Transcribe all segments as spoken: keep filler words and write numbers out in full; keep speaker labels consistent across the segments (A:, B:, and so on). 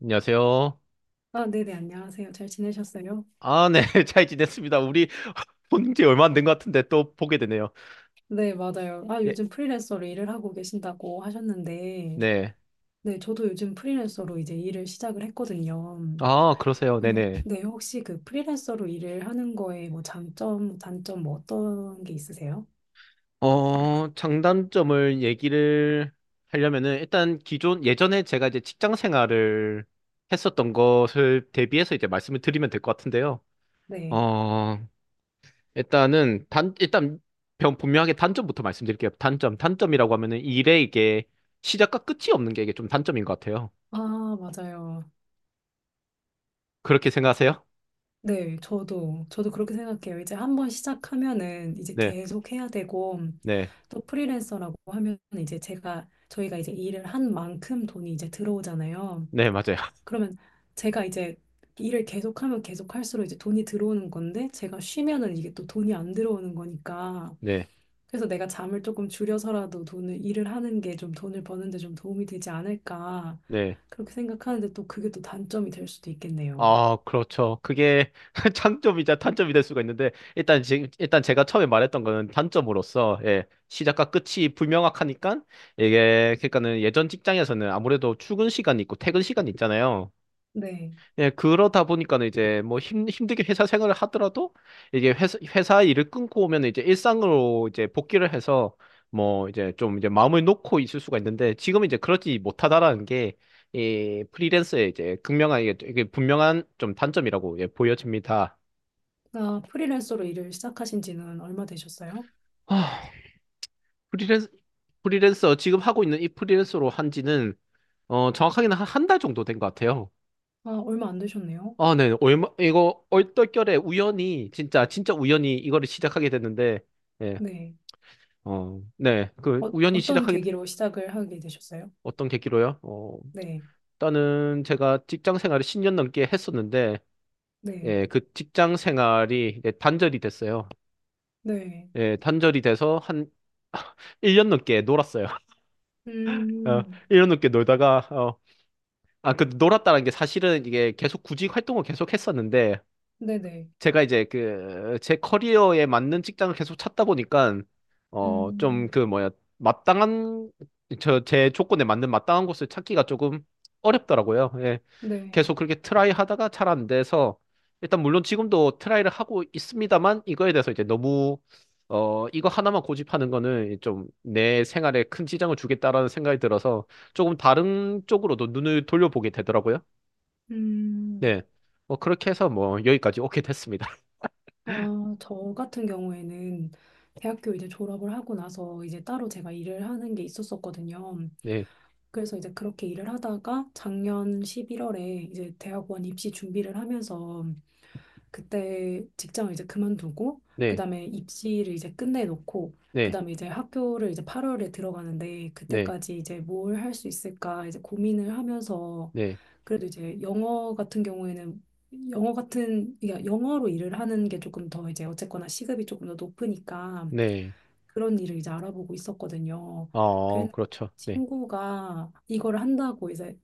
A: 안녕하세요.
B: 아, 네네, 안녕하세요. 잘 지내셨어요?
A: 아, 네. 잘 지냈습니다. 우리 본지 얼마 안 된 것 같은데 또 보게 되네요.
B: 네, 맞아요. 아,
A: 예,
B: 요즘 프리랜서로 일을 하고 계신다고 하셨는데,
A: 네.
B: 네, 저도 요즘 프리랜서로 이제 일을 시작을 했거든요.
A: 아, 그러세요.
B: 네.
A: 네네.
B: 네, 혹시 그 프리랜서로 일을 하는 거에 뭐 장점, 단점 뭐 어떤 게 있으세요?
A: 어, 장단점을 얘기를 하려면은 일단 기존, 예전에 제가 이제 직장 생활을 했었던 것을 대비해서 이제 말씀을 드리면 될 것 같은데요.
B: 네.
A: 어, 일단은 단, 일단 병- 분명하게 단점부터 말씀드릴게요. 단점. 단점이라고 하면은 일에 이게 시작과 끝이 없는 게 이게 좀 단점인 것 같아요.
B: 아, 맞아요.
A: 그렇게 생각하세요?
B: 네, 저도, 저도 그렇게 생각해요. 이제 한번 시작하면은 이제
A: 네.
B: 계속 해야 되고,
A: 네.
B: 또 프리랜서라고 하면 이제 제가, 저희가 이제 일을 한 만큼 돈이 이제 들어오잖아요.
A: 네, 맞아요.
B: 그러면 제가 이제 일을 계속하면 계속할수록 이제 돈이 들어오는 건데 제가 쉬면은 이게 또 돈이 안 들어오는 거니까
A: 네,
B: 그래서 내가 잠을 조금 줄여서라도 돈을 일을 하는 게 좀 돈을 버는 데 좀 도움이 되지 않을까
A: 네.
B: 그렇게 생각하는데 또 그게 또 단점이 될 수도 있겠네요.
A: 아, 그렇죠. 그게 장점이자 단점이 될 수가 있는데, 일단, 지, 일단 제가 처음에 말했던 거는 단점으로서, 예, 시작과 끝이 불명확하니까, 이게, 그러니까는 예전 직장에서는 아무래도 출근 시간이 있고 퇴근 시간이 있잖아요.
B: 네.
A: 예, 그러다 보니까는 이제 뭐 힘, 힘들게 회사 생활을 하더라도 이게 회사, 회사 일을 끊고 오면 이제 일상으로 이제 복귀를 해서 뭐 이제 좀 이제 마음을 놓고 있을 수가 있는데 지금은 이제 그러지 못하다라는 게 이 프리랜서의 이제 극명한 이게, 이게 분명한 좀 단점이라고 예, 보여집니다.
B: 아, 프리랜서로 일을 시작하신 지는 얼마 되셨어요?
A: 아, 프리랜서, 프리랜서 지금 하고 있는 이 프리랜서로 한 지는 어, 정확하게는 한 달 정도 된 것 같아요.
B: 아, 얼마 안 되셨네요.
A: 아, 네. 얼마, 이거 얼떨결에 우연히 진짜 진짜 우연히 이거를 시작하게 됐는데 예.
B: 네.
A: 어, 네. 그
B: 어,
A: 우연히
B: 어떤
A: 시작하게 된-
B: 계기로 시작을 하게 되셨어요?
A: 어떤 계기로요? 어,
B: 네.
A: 일단은 제가 직장 생활을 십 년 넘게 했었는데
B: 네.
A: 예, 그 직장 생활이 이제 단절이 됐어요.
B: 네.
A: 예, 단절이 돼서 한 일 년 넘게 놀았어요. 어,
B: 음.
A: 일 년 넘게 놀다가 어, 아, 그 놀았다는 게 사실은 이게 계속 구직 활동을 계속 했었는데
B: 네네.
A: 제가 이제 그 제 커리어에 맞는 직장을 계속 찾다 보니까 어 좀
B: 음.
A: 그 뭐야 마땅한 저 제 조건에 맞는 마땅한 곳을 찾기가 조금 어렵더라고요. 예.
B: 네.
A: 계속 그렇게 트라이 하다가 잘 안 돼서 일단 물론 지금도 트라이를 하고 있습니다만 이거에 대해서 이제 너무 어 이거 하나만 고집하는 거는 좀 내 생활에 큰 지장을 주겠다라는 생각이 들어서 조금 다른 쪽으로도 눈을 돌려보게 되더라고요.
B: 음,
A: 네. 뭐 그렇게 해서 뭐 여기까지 오게 됐습니다.
B: 아, 저 같은 경우에는 대학교 이제 졸업을 하고 나서 이제 따로 제가 일을 하는 게 있었었거든요.
A: 네.
B: 그래서 이제 그렇게 일을 하다가 작년 십일월에 이제 대학원 입시 준비를 하면서 그때 직장을 이제 그만두고
A: 네,
B: 그다음에 입시를 이제 끝내놓고
A: 네,
B: 그다음에 이제 학교를 이제 팔월에 들어가는데
A: 네,
B: 그때까지 이제 뭘 할 수 있을까 이제 고민을 하면서
A: 네,
B: 그래도 이제 영어 같은 경우에는 영어 같은 그러니까 영어로 일을 하는 게 조금 더 이제 어쨌거나 시급이 조금 더 높으니까
A: 네.
B: 그런 일을 이제 알아보고 있었거든요.
A: 어,
B: 그래서
A: 그렇죠. 네.
B: 친구가 이걸 한다고 이제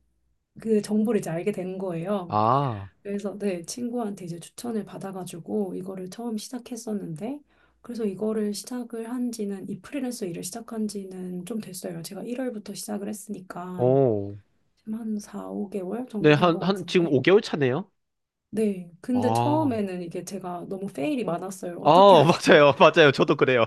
B: 그 정보를 이제 알게 된 거예요.
A: 아,
B: 그래서 네, 친구한테 이제 추천을 받아가지고 이거를 처음 시작했었는데 그래서 이거를 시작을 한 지는 이 프리랜서 일을 시작한 지는 좀 됐어요. 제가 일월부터 시작을 했으니까
A: 오.
B: 지금 한 사, 오 개월
A: 네,
B: 정도 된 것
A: 한, 한, 지금
B: 같은데
A: 오 개월 차네요?
B: 네, 근데
A: 아,
B: 처음에는 이게 제가 너무 페일이 많았어요.
A: 아,
B: 어떻게 하는지
A: 맞아요. 맞아요. 저도 그래요.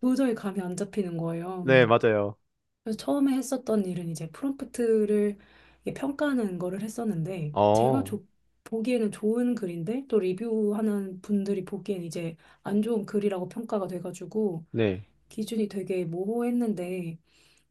B: 도저히 감이 안 잡히는 거예요.
A: 네, 맞아요.
B: 그래서 처음에 했었던 일은 이제 프롬프트를 이게 평가하는 거를 했었는데 제가
A: 어,
B: 조- 보기에는 좋은 글인데 또 리뷰하는 분들이 보기엔 이제 안 좋은 글이라고 평가가 돼가지고
A: 네.
B: 기준이 되게 모호했는데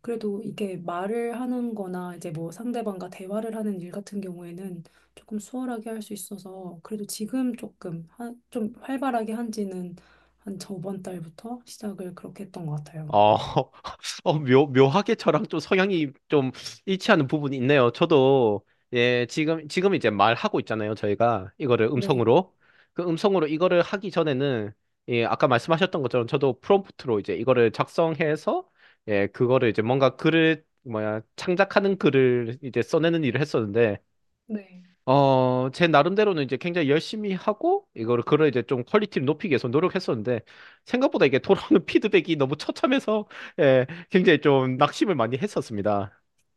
B: 그래도 이게 말을 하는 거나 이제 뭐 상대방과 대화를 하는 일 같은 경우에는 조금 수월하게 할 수 있어서 그래도 지금 조금 한, 좀 활발하게 한지는 한 저번 달부터 시작을 그렇게 했던 것 같아요.
A: 어, 어, 묘, 묘하게 저랑 좀 성향이 좀 일치하는 부분이 있네요. 저도, 예, 지금, 지금 이제 말하고 있잖아요. 저희가 이거를
B: 네.
A: 음성으로. 그 음성으로 이거를 하기 전에는, 예, 아까 말씀하셨던 것처럼 저도 프롬프트로 이제 이거를 작성해서, 예, 그거를 이제 뭔가 글을, 뭐야, 창작하는 글을 이제 써내는 일을 했었는데,
B: 네.
A: 어, 제 나름대로는 이제 굉장히 열심히 하고, 이거를, 그걸 이제 좀 퀄리티를 높이기 위해서 노력했었는데, 생각보다 이게 돌아오는 피드백이 너무 처참해서, 예, 굉장히 좀 낙심을 많이 했었습니다.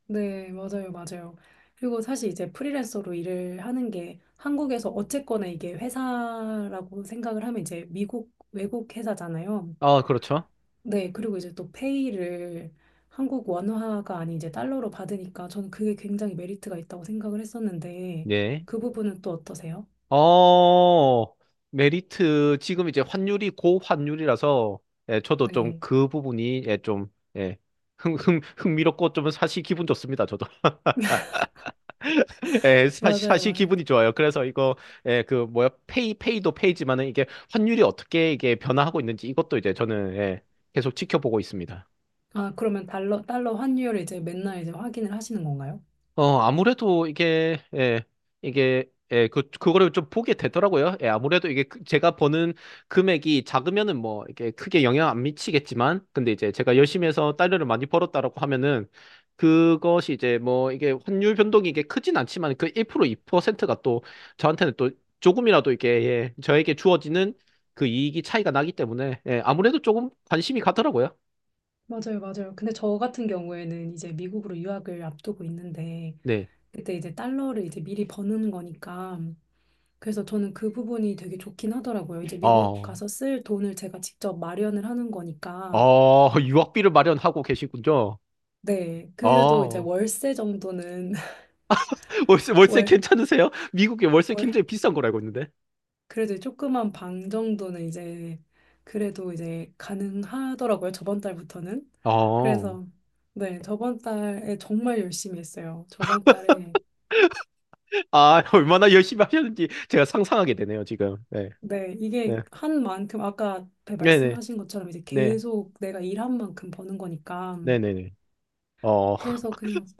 B: 네, 맞아요, 맞아요. 그리고 사실 이제 프리랜서로 일을 하는 게 한국에서 어쨌거나 이게 회사라고 생각을 하면 이제 미국, 외국 회사잖아요.
A: 아, 그렇죠.
B: 네, 그리고 이제 또 페이를 한국 원화가 아닌 이제 달러로 받으니까 저는 그게 굉장히 메리트가 있다고 생각을 했었는데
A: 네.
B: 그 부분은 또 어떠세요?
A: 어, 메리트, 지금 이제 환율이 고환율이라서, 예, 저도 좀
B: 네,
A: 그 부분이, 예, 좀, 예, 흥, 흥, 흥미롭고 좀 사실 기분 좋습니다, 저도. 예, 사실,
B: 맞아요,
A: 사실
B: 맞아요.
A: 기분이 좋아요. 그래서 이거, 예, 그, 뭐야, 페이, 페이도 페이지만은 이게 환율이 어떻게 이게 변화하고 있는지 이것도 이제 저는, 예, 계속 지켜보고 있습니다.
B: 아, 그러면 달러, 달러 환율을 이제 맨날 이제 확인을 하시는 건가요?
A: 어, 아무래도 이게, 예, 이게, 예, 그, 그거를 좀 보게 되더라고요. 예, 아무래도 이게 그- 제가 버는 금액이 작으면은 뭐, 이게 크게 영향 안 미치겠지만, 근데 이제 제가 열심히 해서 달러를 많이 벌었다라고 하면은, 그것이 이제 뭐, 이게 환율 변동이 이게 크진 않지만, 그 일 퍼센트, 이 퍼센트가 또, 저한테는 또 조금이라도 이게, 예, 저에게 주어지는 그 이익이 차이가 나기 때문에, 예, 아무래도 조금 관심이 가더라고요.
B: 맞아요, 맞아요. 근데 저 같은 경우에는 이제 미국으로 유학을 앞두고 있는데
A: 네.
B: 그때 이제 달러를 이제 미리 버는 거니까. 그래서 저는 그 부분이 되게 좋긴 하더라고요. 이제 미국
A: 어,
B: 가서 쓸 돈을 제가 직접 마련을 하는 거니까.
A: 어, 유학비를 마련하고 계시군요.
B: 네. 그래도 이제
A: 어.
B: 월세 정도는,
A: 월세, 월세
B: 월,
A: 괜찮으세요? 미국에 월세 굉장히
B: 월.
A: 비싼 걸 알고 있는데.
B: 그래도 조그만 방 정도는 이제, 그래도 이제 가능하더라고요. 저번 달부터는.
A: 아, 아,
B: 그래서, 네. 저번 달에 정말 열심히 했어요. 저번 달에
A: 얼마나 열심히 하셨는지 제가 상상하게 되네요, 지금. 네.
B: 네,
A: 네.
B: 이게 한 만큼 아까 배
A: 네네.
B: 말씀하신 것처럼 이제
A: 네.
B: 계속 내가 일한 만큼 버는 거니까
A: 네네네. 어,
B: 그래서 그냥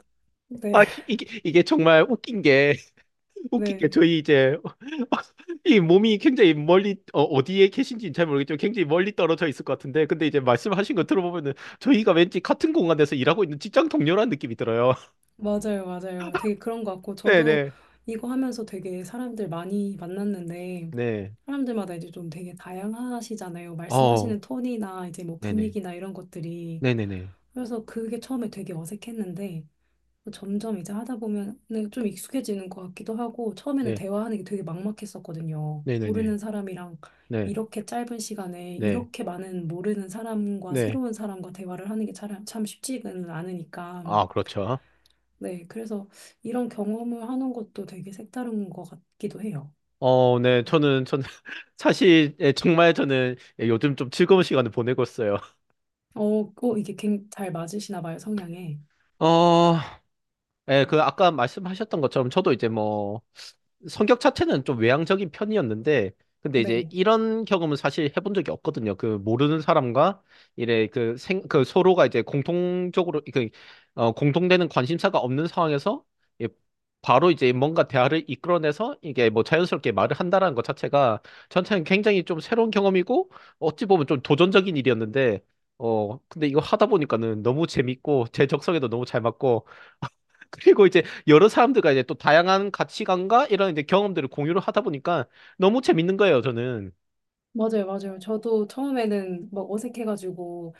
B: 네,
A: 아, 이게, 이게 정말 웃긴 게, 웃긴 게,
B: 네,
A: 저희 이제, 이 몸이 굉장히 멀리, 어, 어디에 계신지는 잘 모르겠지만, 굉장히 멀리 떨어져 있을 것 같은데, 근데 이제 말씀하신 거 들어보면은, 저희가 왠지 같은 공간에서 일하고 있는 직장 동료라는 느낌이 들어요.
B: 맞아요, 맞아요. 되게 그런 것 같고 저도
A: 네네.
B: 이거 하면서 되게 사람들 많이 만났는데
A: 네.
B: 사람들마다 이제 좀 되게 다양하시잖아요.
A: 어,
B: 말씀하시는 톤이나 이제 뭐
A: 네네.
B: 분위기나 이런 것들이
A: 네네네.
B: 그래서 그게 처음에 되게 어색했는데 점점 이제 하다 보면 좀 익숙해지는 것 같기도 하고 처음에는
A: 네.
B: 대화하는 게 되게 막막했었거든요.
A: 네네네.
B: 모르는 사람이랑
A: 네,
B: 이렇게 짧은 시간에
A: 네,
B: 이렇게 많은 모르는 사람과
A: 네.
B: 새로운 사람과 대화를 하는 게 참, 참 쉽지는 않으니까.
A: 아, 그렇죠.
B: 네, 그래서 이런 경험을 하는 것도 되게 색다른 것 같기도 해요.
A: 어, 네,
B: 음.
A: 저는, 저는, 사실, 예, 정말 저는 예, 요즘 좀 즐거운 시간을 보내고 있어요.
B: 어, 어, 이게 굉- 잘 맞으시나 봐요, 성향에.
A: 어, 예, 그 아까 말씀하셨던 것처럼 저도 이제 뭐 성격 자체는 좀 외향적인 편이었는데 근데 이제
B: 네.
A: 이런 경험은 사실 해본 적이 없거든요. 그 모르는 사람과 이래 그 생 그 서로가 이제 공통적으로 그 어, 공통되는 관심사가 없는 상황에서 예, 바로 이제 뭔가 대화를 이끌어내서 이게 뭐 자연스럽게 말을 한다라는 것 자체가 저한테는 굉장히 좀 새로운 경험이고 어찌 보면 좀 도전적인 일이었는데 어 근데 이거 하다 보니까는 너무 재밌고 제 적성에도 너무 잘 맞고 그리고 이제 여러 사람들과 이제 또 다양한 가치관과 이런 이제 경험들을 공유를 하다 보니까 너무 재밌는 거예요, 저는.
B: 맞아요, 맞아요. 저도 처음에는 막 어색해가지고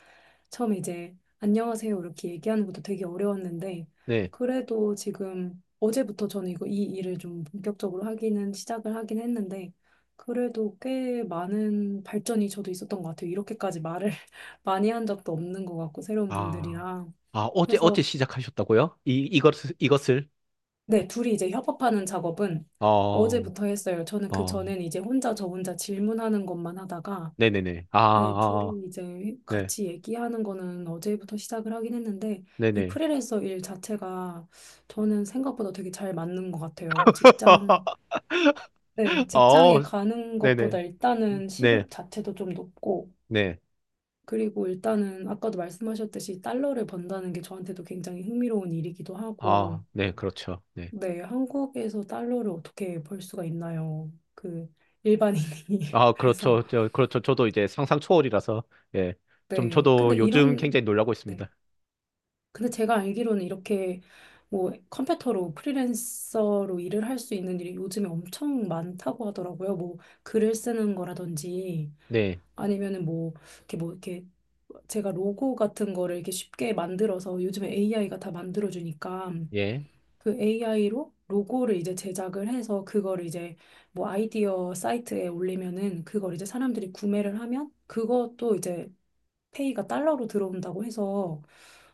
B: 처음에 이제 안녕하세요 이렇게 얘기하는 것도 되게 어려웠는데
A: 네.
B: 그래도 지금 어제부터 저는 이거 이 일을 좀 본격적으로 하기는 시작을 하긴 했는데 그래도 꽤 많은 발전이 저도 있었던 것 같아요. 이렇게까지 말을 많이 한 적도 없는 것 같고 새로운
A: 아,
B: 분들이랑
A: 아, 어제, 어제
B: 그래서
A: 시작하셨다고요? 이, 이것을, 이것을?
B: 네 둘이 이제 협업하는 작업은
A: 어,
B: 어제부터 했어요. 저는 그
A: 어,
B: 전엔 이제 혼자 저 혼자 질문하는 것만 하다가
A: 네네네. 아,
B: 네,
A: 아, 아.
B: 둘이 이제
A: 네,
B: 같이 얘기하는 거는 어제부터 시작을 하긴 했는데, 이
A: 네네.
B: 프리랜서 일 자체가 저는 생각보다 되게 잘 맞는 것 같아요. 직장, 네, 직장에
A: 어,
B: 가는 것보다
A: 네네.
B: 일단은
A: 네,
B: 시급 자체도 좀 높고,
A: 네.
B: 그리고 일단은 아까도 말씀하셨듯이 달러를 번다는 게 저한테도 굉장히 흥미로운 일이기도 하고,
A: 아, 네, 그렇죠. 네.
B: 네, 한국에서 달러를 어떻게 벌 수가 있나요? 그 일반인이.
A: 아,
B: 그래서,
A: 그렇죠. 저, 그렇죠. 저도 이제 상상 초월이라서, 예. 좀
B: 네, 근데
A: 저도 요즘
B: 이런,
A: 굉장히 놀라고
B: 네.
A: 있습니다.
B: 근데 제가 알기로는 이렇게 뭐 컴퓨터로 프리랜서로 일을 할 수 있는 일이 요즘에 엄청 많다고 하더라고요. 뭐 글을 쓰는 거라든지
A: 네,
B: 아니면은 뭐 이렇게 뭐 이렇게 제가 로고 같은 거를 이렇게 쉽게 만들어서 요즘에 에이아이가 다 만들어주니까
A: 예.
B: 그 에이아이로 로고를 이제 제작을 해서 그거를 이제 뭐 아이디어 사이트에 올리면은 그걸 이제 사람들이 구매를 하면 그것도 이제 페이가 달러로 들어온다고 해서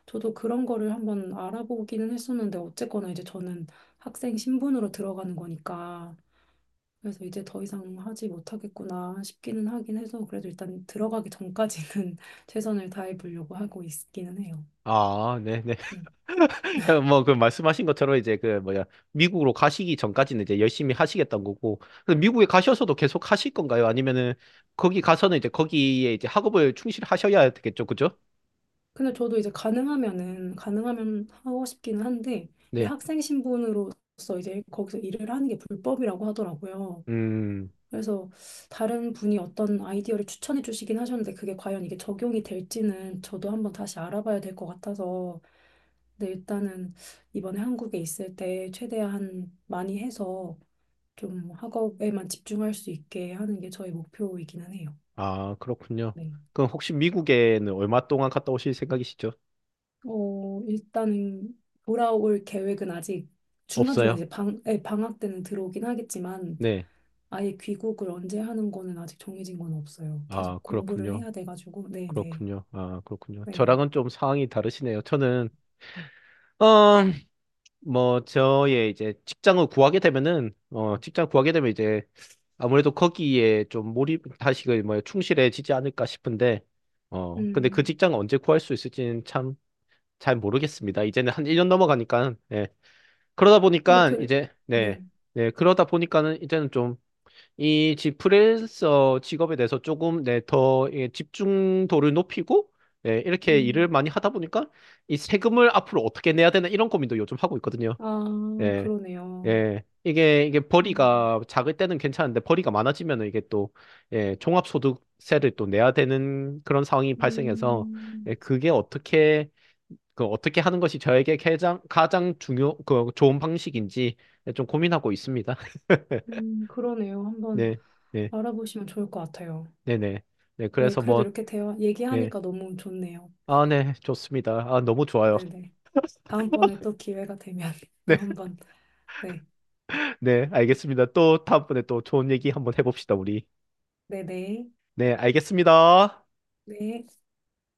B: 저도 그런 거를 한번 알아보기는 했었는데 어쨌거나 이제 저는 학생 신분으로 들어가는 거니까 그래서 이제 더 이상 하지 못하겠구나 싶기는 하긴 해서 그래도 일단 들어가기 전까지는 최선을 다해 보려고 하고 있기는 해요.
A: 아, 네, 네.
B: 네.
A: 어, 뭐, 그 말씀하신 것처럼 이제 그 뭐야, 미국으로 가시기 전까지는 이제 열심히 하시겠다는 거고, 그럼 미국에 가셔서도 계속 하실 건가요? 아니면은 거기 가서는 이제 거기에 이제 학업을 충실하셔야 되겠죠, 그죠?
B: 근데 저도 이제 가능하면은 가능하면 하고 싶기는 한데 이
A: 네.
B: 학생 신분으로서 이제 거기서 일을 하는 게 불법이라고 하더라고요.
A: 음,
B: 그래서 다른 분이 어떤 아이디어를 추천해 주시긴 하셨는데 그게 과연 이게 적용이 될지는 저도 한번 다시 알아봐야 될 것 같아서 근데 일단은 이번에 한국에 있을 때 최대한 많이 해서 좀 학업에만 집중할 수 있게 하는 게 저의 목표이기는 해요.
A: 아, 그렇군요.
B: 네.
A: 그럼 혹시 미국에는 얼마 동안 갔다 오실 생각이시죠?
B: 어, 일단은 돌아올 계획은 아직 중간중간
A: 없어요.
B: 이제 방, 예, 방학 때는 들어오긴 하겠지만
A: 네.
B: 아예 귀국을 언제 하는 거는 아직 정해진 건 없어요. 계속
A: 아,
B: 공부를
A: 그렇군요.
B: 해야 돼가지고. 네네. 네.
A: 그렇군요. 아, 그렇군요.
B: 네. 네.
A: 저랑은 좀 상황이 다르시네요. 저는, 어, 뭐 저의 이제 직장을 구하게 되면은 어 직장 구하게 되면 이제 아무래도 거기에 좀 몰입 다시 그뭐 충실해지지 않을까 싶은데 어 근데 그
B: 음.
A: 직장을 언제 구할 수 있을지는 참 잘 모르겠습니다. 이제는 한 일 년 넘어가니까 예. 그러다
B: 근데
A: 보니까
B: 그,
A: 이제 네.
B: 네.
A: 네. 그러다 보니까는 이제는 좀 이 프리랜서 직업에 대해서 조금 네, 더 예, 집중도를 높이고 네, 이렇게 일을
B: 음.
A: 많이 하다 보니까 이 세금을 앞으로 어떻게 내야 되나 이런 고민도 요즘 하고 있거든요.
B: 아,
A: 네.
B: 그러네요.
A: 예, 이게, 이게
B: 음.
A: 벌이가 작을 때는 괜찮은데 벌이가 많아지면 이게 또, 예, 종합소득세를 또 내야 되는 그런 상황이 발생해서, 예,
B: 음.
A: 그게 어떻게, 그 어떻게 하는 것이 저에게 가장, 가장 중요, 그 좋은 방식인지 예, 좀 고민하고 있습니다.
B: 음, 그러네요. 한번
A: 네, 네,
B: 알아보시면 좋을 것 같아요.
A: 네네. 네,
B: 네,
A: 그래서
B: 그래도
A: 뭐,
B: 이렇게 대화,
A: 네.
B: 얘기하니까 너무 좋네요.
A: 아, 네, 좋습니다. 아, 너무 좋아요.
B: 네네. 다음번에 또 기회가 되면 또
A: 네,
B: 한번. 네.
A: 네, 알겠습니다. 또 다음번에 또 좋은 얘기 한번 해봅시다, 우리.
B: 네네.
A: 네, 알겠습니다.
B: 네.